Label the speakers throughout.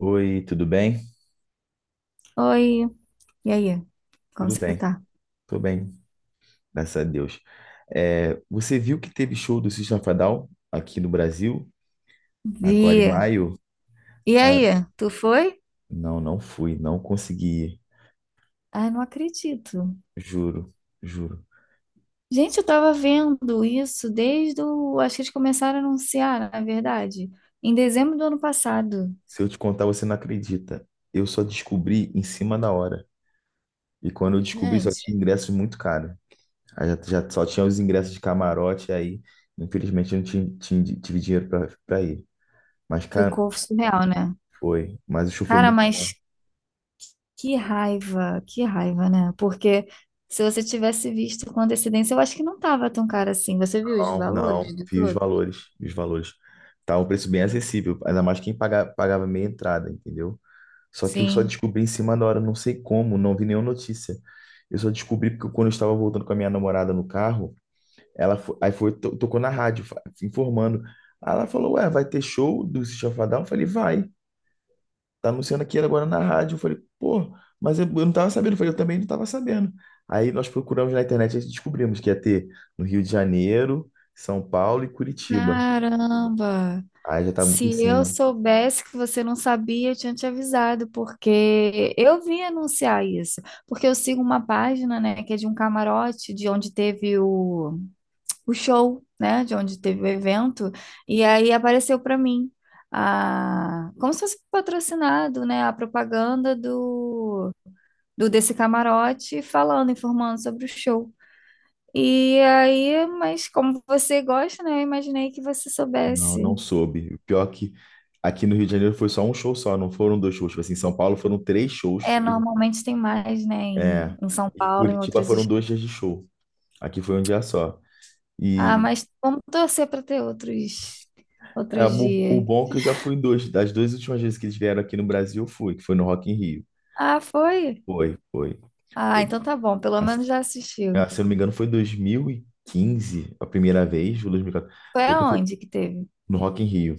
Speaker 1: Oi, tudo bem?
Speaker 2: Oi, e aí? Como
Speaker 1: Tudo
Speaker 2: você
Speaker 1: bem,
Speaker 2: tá?
Speaker 1: tô bem, graças a Deus. É, você viu que teve show do System of a Down aqui no Brasil, agora em
Speaker 2: Vi.
Speaker 1: maio?
Speaker 2: E
Speaker 1: Cara,
Speaker 2: aí, tu foi?
Speaker 1: não, não fui, não consegui, ir.
Speaker 2: Ai, não acredito.
Speaker 1: Juro, juro.
Speaker 2: Gente, eu tava vendo isso. Acho que eles começaram a anunciar, na verdade, em dezembro do ano passado.
Speaker 1: Se eu te contar, você não acredita. Eu só descobri em cima da hora. E quando eu descobri, só tinha
Speaker 2: Gente,
Speaker 1: ingressos muito caros. Aí já só tinha os ingressos de camarote, aí, infelizmente, eu não tinha, tive dinheiro para pra ir. Mas, cara,
Speaker 2: ficou surreal, né?
Speaker 1: foi. Mas o show foi
Speaker 2: Cara,
Speaker 1: muito bom.
Speaker 2: mas que raiva, né? Porque se você tivesse visto com antecedência, eu acho que não tava tão caro assim. Você viu os
Speaker 1: Não, não,
Speaker 2: valores dos
Speaker 1: vi os
Speaker 2: outros?
Speaker 1: valores, vi os valores. Tá um preço bem acessível, ainda mais quem paga, pagava meia entrada, entendeu? Só que eu só
Speaker 2: Sim.
Speaker 1: descobri em cima da hora, não sei como, não vi nenhuma notícia. Eu só descobri porque quando eu estava voltando com a minha namorada no carro, ela aí foi, tocou na rádio, informando. Aí ela falou, ué, vai ter show do System of a Down? Eu falei, vai tá anunciando aqui agora na rádio. Eu falei, pô, mas eu não tava sabendo. Eu falei, eu também não tava sabendo. Aí nós procuramos na internet e descobrimos que ia ter no Rio de Janeiro, São Paulo e Curitiba.
Speaker 2: Caramba!
Speaker 1: Aí já tá muito em
Speaker 2: Se eu
Speaker 1: cima.
Speaker 2: soubesse que você não sabia, eu tinha te avisado, porque eu vim anunciar isso. Porque eu sigo uma página, né, que é de um camarote, de onde teve o show, né, de onde teve o evento, e aí apareceu para mim, a, como se fosse patrocinado, né, a propaganda do, do desse camarote falando, informando sobre o show. E aí, mas como você gosta, né, eu imaginei que você
Speaker 1: Não,
Speaker 2: soubesse.
Speaker 1: não soube. O pior é que aqui no Rio de Janeiro foi só um show só, não foram dois shows. Tipo assim, em São Paulo foram três shows.
Speaker 2: É, normalmente tem mais, né, em,
Speaker 1: É,
Speaker 2: em São
Speaker 1: e em
Speaker 2: Paulo, em
Speaker 1: Curitiba
Speaker 2: outros
Speaker 1: foram
Speaker 2: estados.
Speaker 1: dois dias de show. Aqui foi um dia só.
Speaker 2: Ah,
Speaker 1: E
Speaker 2: mas vamos torcer para ter outros,
Speaker 1: é,
Speaker 2: outros
Speaker 1: o, o
Speaker 2: dias.
Speaker 1: bom é que eu já fui em dois. Das duas últimas vezes que eles vieram aqui no Brasil, eu fui, que foi no Rock in Rio.
Speaker 2: Ah, foi?
Speaker 1: Foi, foi.
Speaker 2: Ah, então tá bom, pelo
Speaker 1: Ah, se
Speaker 2: menos já assistiu.
Speaker 1: ah, se eu não me engano, foi 2015 a primeira vez, ou 2014.
Speaker 2: Foi
Speaker 1: Eu fui
Speaker 2: aonde que teve?
Speaker 1: no Rock in Rio.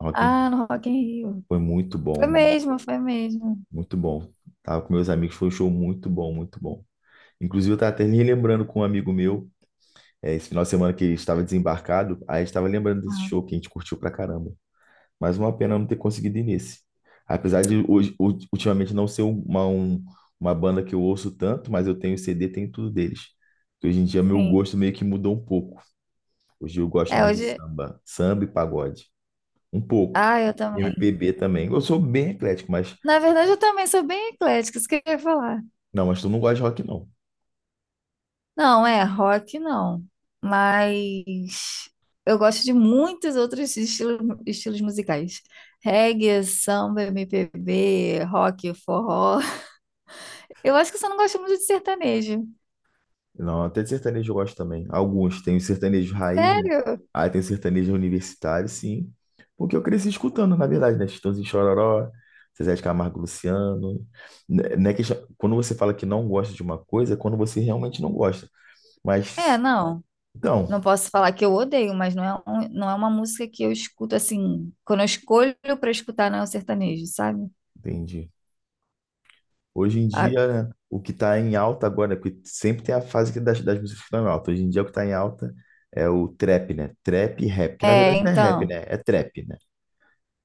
Speaker 1: Rock in Rio
Speaker 2: Ah, no Rock in Rio.
Speaker 1: foi muito
Speaker 2: Foi
Speaker 1: bom,
Speaker 2: mesmo, foi mesmo.
Speaker 1: muito bom. Tava com meus amigos, foi um show muito bom, muito bom. Inclusive, eu tava até relembrando com um amigo meu, esse final de semana que ele estava desembarcado, aí a gente tava lembrando desse
Speaker 2: Ah,
Speaker 1: show que a gente curtiu pra caramba. Mas uma pena não ter conseguido ir nesse. Apesar de ultimamente não ser uma banda que eu ouço tanto, mas eu tenho CD, tenho tudo deles. Hoje em dia, meu
Speaker 2: sim.
Speaker 1: gosto meio que mudou um pouco. O Gil gosta
Speaker 2: É,
Speaker 1: mais de
Speaker 2: hoje...
Speaker 1: samba, samba e pagode. Um pouco.
Speaker 2: Ah, eu também.
Speaker 1: MPB também. Eu sou bem eclético, mas.
Speaker 2: Na verdade, eu também sou bem eclética, isso que eu ia falar.
Speaker 1: Não, mas tu não gosta de rock, não.
Speaker 2: Não, é rock não, mas eu gosto de muitos outros estilos, estilos musicais. Reggae, samba, MPB, rock, forró. Eu acho que eu só não gosto muito de sertanejo.
Speaker 1: Não, até de sertanejo eu gosto também. Alguns. Tem o sertanejo raiz, né?
Speaker 2: Sério?
Speaker 1: Aí tem o sertanejo universitário, sim. Porque eu cresci escutando, na verdade, né? Chitãozinho e Chororó, Zezé de Camargo e Luciano. Quando você fala que não gosta de uma coisa, é quando você realmente não gosta.
Speaker 2: É,
Speaker 1: Mas,
Speaker 2: não.
Speaker 1: então,
Speaker 2: Não posso falar que eu odeio, mas não é, não é uma música que eu escuto assim, quando eu escolho para escutar não é o sertanejo, sabe?
Speaker 1: entendi. Hoje em
Speaker 2: Ah,
Speaker 1: dia, né, o que está em alta agora, porque sempre tem a fase que das músicas que estão em alta. Hoje em dia, o que está em alta é o trap, né? Trap e rap, que na
Speaker 2: É,
Speaker 1: verdade não é rap,
Speaker 2: então,
Speaker 1: né? É trap, né?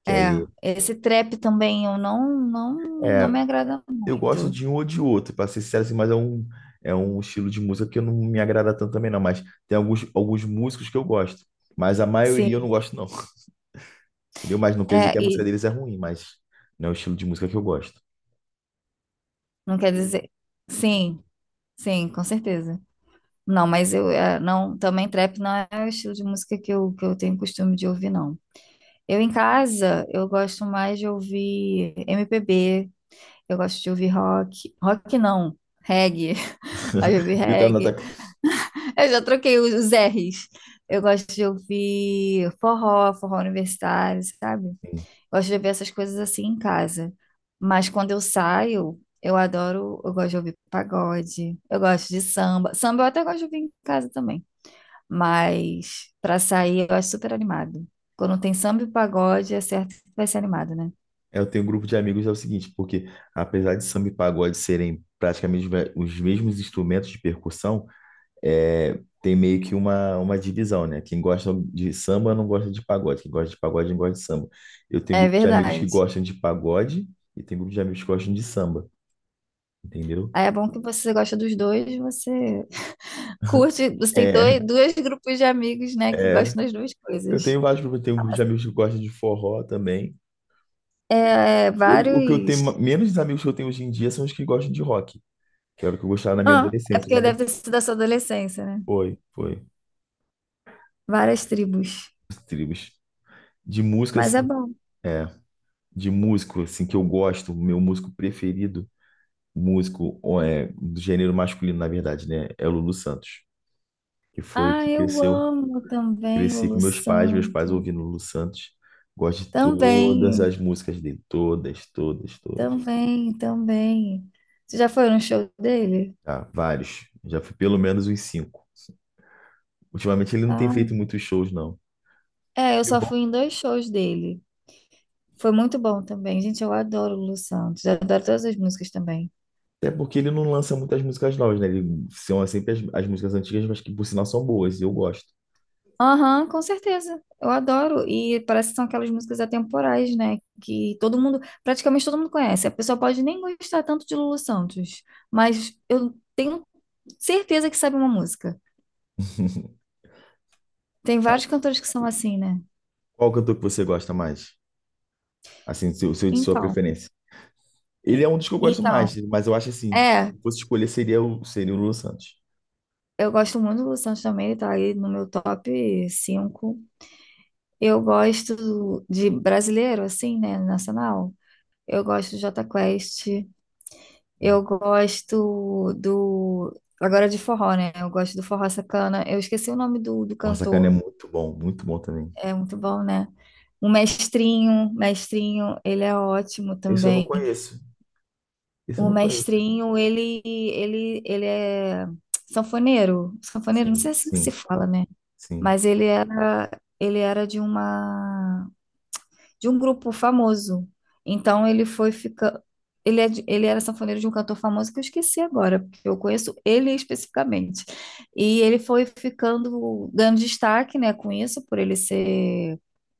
Speaker 1: Que
Speaker 2: é,
Speaker 1: aí,
Speaker 2: esse trap também eu não
Speaker 1: é,
Speaker 2: me agrada
Speaker 1: eu gosto
Speaker 2: muito.
Speaker 1: de um ou de outro, para ser sincero, assim, mas é um estilo de música que eu não me agrada tanto também, não. Mas tem alguns músicos que eu gosto, mas a maioria eu não
Speaker 2: Sim.
Speaker 1: gosto, não. Entendeu? Mas não quer dizer
Speaker 2: É,
Speaker 1: que a música
Speaker 2: e
Speaker 1: deles é ruim, mas não é o estilo de música que eu gosto.
Speaker 2: não quer dizer. Sim, sim, com certeza. Não, mas eu não, também trap não é o estilo de música que eu tenho costume de ouvir, não. Eu em casa, eu gosto mais de ouvir MPB, eu gosto de ouvir rock. Rock não, reggae. Aí eu ouvi
Speaker 1: E tá na
Speaker 2: reggae. Eu já troquei os R's. Eu gosto de ouvir forró, forró universitário, sabe? Gosto de ouvir essas coisas assim em casa. Mas quando eu saio, eu adoro, eu gosto de ouvir pagode, eu gosto de samba. Samba eu até gosto de ouvir em casa também. Mas pra sair, eu acho super animado. Quando tem samba e pagode, é certo que vai ser animado, né?
Speaker 1: Eu tenho um grupo de amigos, é o seguinte, porque apesar de samba e pagode serem praticamente os mesmos instrumentos de percussão, é, tem meio que uma divisão, né? Quem gosta de samba não gosta de pagode, quem gosta de pagode não gosta de samba. Eu tenho um
Speaker 2: É
Speaker 1: grupo de amigos que
Speaker 2: verdade.
Speaker 1: gostam de pagode e tem grupo de amigos que gostam de samba, entendeu?
Speaker 2: Aí é bom que você gosta dos dois, você curte, você tem
Speaker 1: É,
Speaker 2: dois grupos de amigos, né, que
Speaker 1: é,
Speaker 2: gostam das duas
Speaker 1: eu
Speaker 2: coisas.
Speaker 1: tenho vários grupos, eu tenho um grupo de amigos que gostam de forró também.
Speaker 2: É, é,
Speaker 1: Hoje, o que eu tenho,
Speaker 2: vários.
Speaker 1: menos amigos que eu tenho hoje em dia são os que gostam de rock, que era o que eu gostava na minha
Speaker 2: Ah, é
Speaker 1: adolescência.
Speaker 2: porque deve ter sido da sua adolescência, né?
Speaker 1: Foi, foi.
Speaker 2: Várias tribos.
Speaker 1: Tribos. De música,
Speaker 2: Mas é
Speaker 1: assim,
Speaker 2: bom.
Speaker 1: é, de músico, assim, que eu gosto, meu músico preferido, músico ó, do gênero masculino, na verdade, né? É o Lulu Santos, que foi o
Speaker 2: Ah,
Speaker 1: que
Speaker 2: eu
Speaker 1: cresceu.
Speaker 2: amo também o
Speaker 1: Cresci com
Speaker 2: Lu
Speaker 1: meus pais
Speaker 2: Santos.
Speaker 1: ouvindo Lulu Santos. Gosto de todas
Speaker 2: Também,
Speaker 1: as músicas dele, todas, todas, todas.
Speaker 2: também, também. Você já foi no show dele?
Speaker 1: Ah, vários. Já fui pelo menos uns cinco. Ultimamente ele não tem feito
Speaker 2: Ah,
Speaker 1: muitos shows, não.
Speaker 2: é, eu
Speaker 1: E o
Speaker 2: só
Speaker 1: bom.
Speaker 2: fui em dois shows dele. Foi muito bom também. Gente, eu adoro o Lu Santos. Eu adoro todas as músicas também.
Speaker 1: Até porque ele não lança muitas músicas novas, né? Ele são sempre as músicas antigas, mas que por sinal são boas, e eu gosto.
Speaker 2: Aham, com certeza. Eu adoro. E parece que são aquelas músicas atemporais, né? Que todo mundo, praticamente todo mundo conhece. A pessoa pode nem gostar tanto de Lulu Santos, mas eu tenho certeza que sabe uma música. Tem vários cantores que são assim, né?
Speaker 1: Qual cantor que você gosta mais? Assim, o seu de sua
Speaker 2: Então,
Speaker 1: preferência. Ele é um dos que eu gosto
Speaker 2: então,
Speaker 1: mais, mas eu acho assim,
Speaker 2: é,
Speaker 1: se fosse escolher seria o Lulu Santos.
Speaker 2: eu gosto muito do Lu Santos também, ele tá aí no meu top 5. Eu gosto de brasileiro, assim, né? Nacional. Eu gosto do Jota Quest,
Speaker 1: Hum.
Speaker 2: eu gosto do. Agora de forró, né? Eu gosto do Forró Sacana. Eu esqueci o nome do
Speaker 1: Porra, Sacana é
Speaker 2: cantor.
Speaker 1: muito bom também.
Speaker 2: É muito bom, né? O Mestrinho, ele é ótimo
Speaker 1: Esse eu não
Speaker 2: também.
Speaker 1: conheço. Esse eu
Speaker 2: O
Speaker 1: não conheço.
Speaker 2: mestrinho, ele é sanfoneiro. Sanfoneiro, não
Speaker 1: Sim,
Speaker 2: sei assim que se
Speaker 1: sim,
Speaker 2: fala, né?
Speaker 1: sim.
Speaker 2: Mas ele era de um grupo famoso. Então ele foi fica, ele, é de- ele era sanfoneiro de um cantor famoso que eu esqueci agora, porque eu conheço ele especificamente. E ele foi ficando, ganhando destaque, né, com isso, por ele ser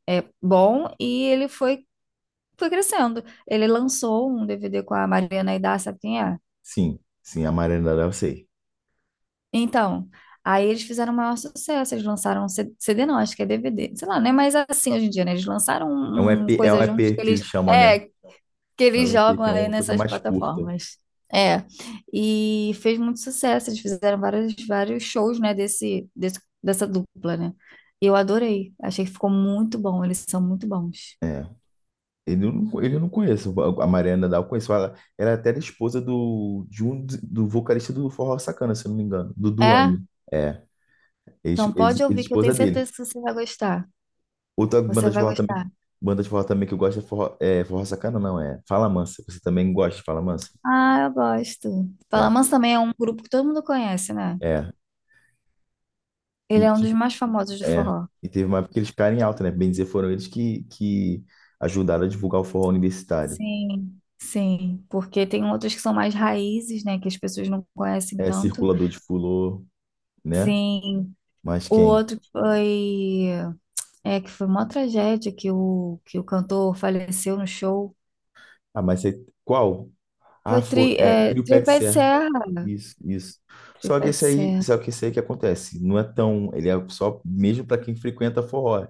Speaker 2: bom, e ele foi crescendo. Ele lançou um DVD com a Mariana Aidar, sabe quem é?
Speaker 1: Sim, sim, a Maranada eu sei.
Speaker 2: Então, aí eles fizeram o maior sucesso, eles lançaram um CD, não, acho que é DVD, sei lá, né? Mas assim hoje em dia, né? Eles lançaram
Speaker 1: É um
Speaker 2: um
Speaker 1: EP, é um
Speaker 2: coisa juntos
Speaker 1: EP
Speaker 2: que
Speaker 1: que eles
Speaker 2: eles,
Speaker 1: chamam, né?
Speaker 2: é, que
Speaker 1: É
Speaker 2: eles
Speaker 1: um EP
Speaker 2: jogam
Speaker 1: que é
Speaker 2: aí
Speaker 1: uma coisa
Speaker 2: nessas
Speaker 1: mais curta.
Speaker 2: plataformas. É, e fez muito sucesso, eles fizeram vários shows, né, dessa dupla, né? E eu adorei, achei que ficou muito bom, eles são muito bons.
Speaker 1: É. Ele eu não conheço. A Mariana Dal eu conheço. Ela é até era esposa do, de um, do vocalista do Forró Sacana, se eu não me engano. Do
Speaker 2: É?
Speaker 1: Duane. É. Ex,
Speaker 2: Então
Speaker 1: ex,
Speaker 2: pode ouvir que eu
Speaker 1: esposa
Speaker 2: tenho
Speaker 1: dele.
Speaker 2: certeza que você vai gostar.
Speaker 1: Outra
Speaker 2: Você
Speaker 1: banda de
Speaker 2: vai
Speaker 1: forró também,
Speaker 2: gostar.
Speaker 1: banda de forró também que eu gosto é Forró Sacana, não, é Fala Mansa. Você também gosta de Fala Mansa?
Speaker 2: Ah, eu gosto.
Speaker 1: É.
Speaker 2: Palamans também é um grupo que todo mundo conhece, né?
Speaker 1: É.
Speaker 2: Ele é um dos mais famosos do
Speaker 1: É,
Speaker 2: forró.
Speaker 1: e teve uma época que eles ficaram em alta, né? Bem dizer, foram eles que ajudaram a divulgar o forró universitário.
Speaker 2: Sim, sim, porque tem outros que são mais raízes, né, que as pessoas não conhecem
Speaker 1: É,
Speaker 2: tanto.
Speaker 1: Circulador de Fulô, né?
Speaker 2: Sim.
Speaker 1: Mas
Speaker 2: O
Speaker 1: quem?
Speaker 2: outro que foi é que foi uma tragédia que o cantor faleceu no show.
Speaker 1: Ah, mas você, qual? Ah,
Speaker 2: Foi
Speaker 1: foi. É, Trio Pé de
Speaker 2: Tripé de
Speaker 1: Serra.
Speaker 2: Serra,
Speaker 1: Isso, isso. Só que
Speaker 2: Tripé de
Speaker 1: esse aí,
Speaker 2: Serra.
Speaker 1: só que esse aí que acontece, não é tão. Ele é só mesmo para quem frequenta forró,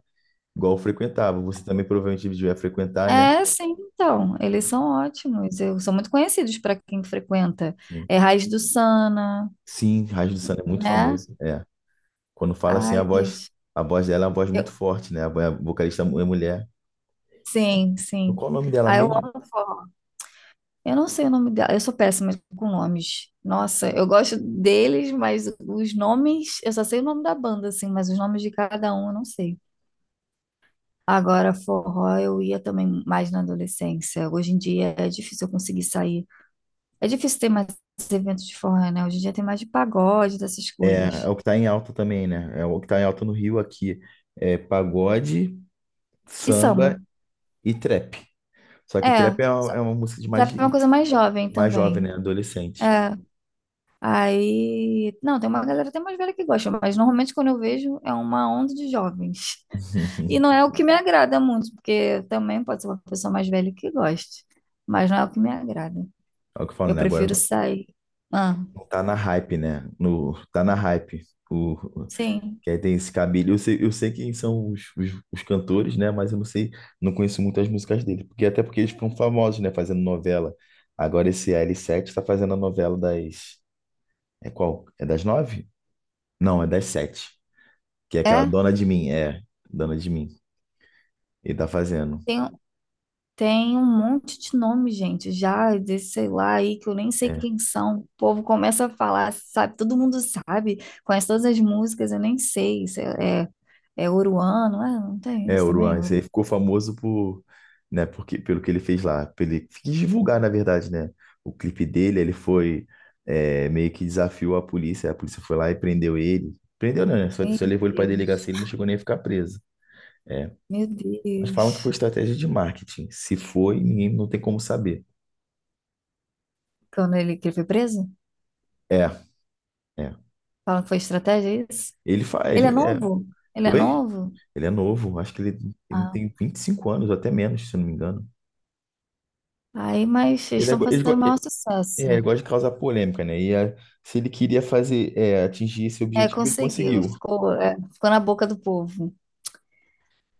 Speaker 1: igual eu frequentava. Você também provavelmente devia frequentar, né?
Speaker 2: É, sim, então, eles são ótimos. Eu são muito conhecidos para quem frequenta.
Speaker 1: Sim,
Speaker 2: É Raiz do Sana,
Speaker 1: sim, Raiz do Samba é muito
Speaker 2: né?
Speaker 1: famoso. É, quando fala assim, a
Speaker 2: Ai,
Speaker 1: voz.
Speaker 2: gente.
Speaker 1: A voz dela é uma voz
Speaker 2: Eu,
Speaker 1: muito forte, né? A vocalista é mulher.
Speaker 2: sim, sim.
Speaker 1: Qual o nome dela
Speaker 2: Ah, eu
Speaker 1: mesmo?
Speaker 2: amo forró. Eu não sei o nome dela. Eu sou péssima com nomes. Nossa, eu gosto deles, mas os nomes, eu só sei o nome da banda, assim, mas os nomes de cada um eu não sei. Agora, forró, eu ia também mais na adolescência. Hoje em dia é difícil eu conseguir sair. É difícil ter mais eventos de forró, né? Hoje em dia tem mais de pagode, dessas
Speaker 1: É,
Speaker 2: coisas.
Speaker 1: é o que tá em alta também, né? É o que tá em alta no Rio aqui. É pagode,
Speaker 2: E samba.
Speaker 1: samba e trap. Só que
Speaker 2: É,
Speaker 1: trap é
Speaker 2: só-
Speaker 1: uma música de
Speaker 2: já
Speaker 1: mais,
Speaker 2: tem uma coisa mais jovem
Speaker 1: mais jovem, né?
Speaker 2: também.
Speaker 1: Adolescente.
Speaker 2: É, aí. Não, tem uma galera até mais velha que gosta, mas normalmente quando eu vejo é uma onda de jovens. E não é o que me agrada muito, porque também pode ser uma pessoa mais velha que goste, mas não é o que me agrada.
Speaker 1: É o que eu falo,
Speaker 2: Eu
Speaker 1: né? Agora
Speaker 2: prefiro sair. Ah,
Speaker 1: não tá na hype, né? No, tá na hype. O, o-
Speaker 2: sim.
Speaker 1: que aí tem esse cabelo. Eu sei quem são os cantores, né? Mas eu não sei, não conheço muitas músicas dele. Porque, até porque eles ficam famosos, né? Fazendo novela. Agora esse L7 tá fazendo a novela das. É qual? É das nove? Não, é das sete. Que é aquela
Speaker 2: É,
Speaker 1: dona de mim. É, dona de mim. Ele tá fazendo.
Speaker 2: tem, tem um monte de nome, gente, já desse, sei lá, aí que eu nem sei
Speaker 1: É,
Speaker 2: quem são. O povo começa a falar, sabe? Todo mundo sabe, conhece todas as músicas, eu nem sei se é Oruano, ah, não tem
Speaker 1: é
Speaker 2: isso
Speaker 1: o
Speaker 2: também?
Speaker 1: Ruan, esse aí ficou famoso por, né, porque, pelo que ele fez lá. Pelo, ele quis divulgar, na verdade, né? O clipe dele, ele foi meio que desafiou a polícia. A polícia foi lá e prendeu ele. Prendeu, não, né? Só,
Speaker 2: Ih,
Speaker 1: só
Speaker 2: meu
Speaker 1: levou ele pra
Speaker 2: Deus.
Speaker 1: delegacia, ele não chegou nem a ficar preso. É.
Speaker 2: Meu
Speaker 1: Mas falam que foi
Speaker 2: Deus.
Speaker 1: estratégia de marketing. Se foi, ninguém não tem como saber.
Speaker 2: Quando que ele foi preso?
Speaker 1: É, é.
Speaker 2: Falam que foi estratégia, é isso?
Speaker 1: Ele faz,
Speaker 2: Ele é
Speaker 1: ele. É.
Speaker 2: novo? Ele é
Speaker 1: Oi?
Speaker 2: novo?
Speaker 1: Ele é novo, acho que ele
Speaker 2: Ah,
Speaker 1: tem 25 anos, ou até menos, se eu não me engano.
Speaker 2: aí, mas eles
Speaker 1: Ele, é,
Speaker 2: estão
Speaker 1: go- ele, go-
Speaker 2: fazendo o maior sucesso,
Speaker 1: é, Ele
Speaker 2: né?
Speaker 1: gosta de causar polêmica, né? E se ele queria fazer, atingir esse
Speaker 2: É,
Speaker 1: objetivo, ele
Speaker 2: conseguiu,
Speaker 1: conseguiu.
Speaker 2: ficou na boca do povo.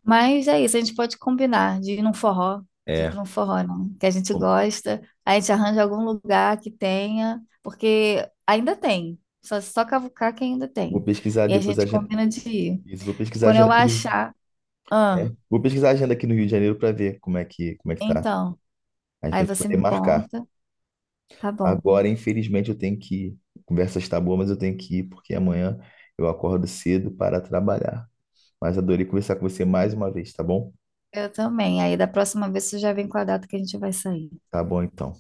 Speaker 2: Mas é isso, a gente pode combinar de ir num forró,
Speaker 1: É,
Speaker 2: não, que a gente
Speaker 1: bom,
Speaker 2: gosta, a gente arranja algum lugar que tenha, porque ainda tem, só cavucar que ainda
Speaker 1: vou
Speaker 2: tem.
Speaker 1: pesquisar
Speaker 2: E a
Speaker 1: depois a
Speaker 2: gente
Speaker 1: agenda.
Speaker 2: combina de ir.
Speaker 1: Isso, vou pesquisar a
Speaker 2: Quando
Speaker 1: agenda
Speaker 2: eu
Speaker 1: aqui no,
Speaker 2: achar, ah,
Speaker 1: vou pesquisar a agenda aqui no Rio de Janeiro para ver como é que tá.
Speaker 2: então,
Speaker 1: A gente
Speaker 2: aí
Speaker 1: vai
Speaker 2: você
Speaker 1: poder
Speaker 2: me
Speaker 1: marcar.
Speaker 2: conta, tá bom.
Speaker 1: Agora, infelizmente, eu tenho que ir. A conversa está boa, mas eu tenho que ir, porque amanhã eu acordo cedo para trabalhar. Mas adorei conversar com você mais uma vez, tá bom?
Speaker 2: Eu também. Aí da próxima vez você já vem com a data que a gente vai sair.
Speaker 1: Tá bom, então.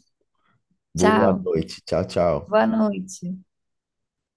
Speaker 1: Boa
Speaker 2: Tchau.
Speaker 1: noite. Tchau, tchau.
Speaker 2: Boa noite.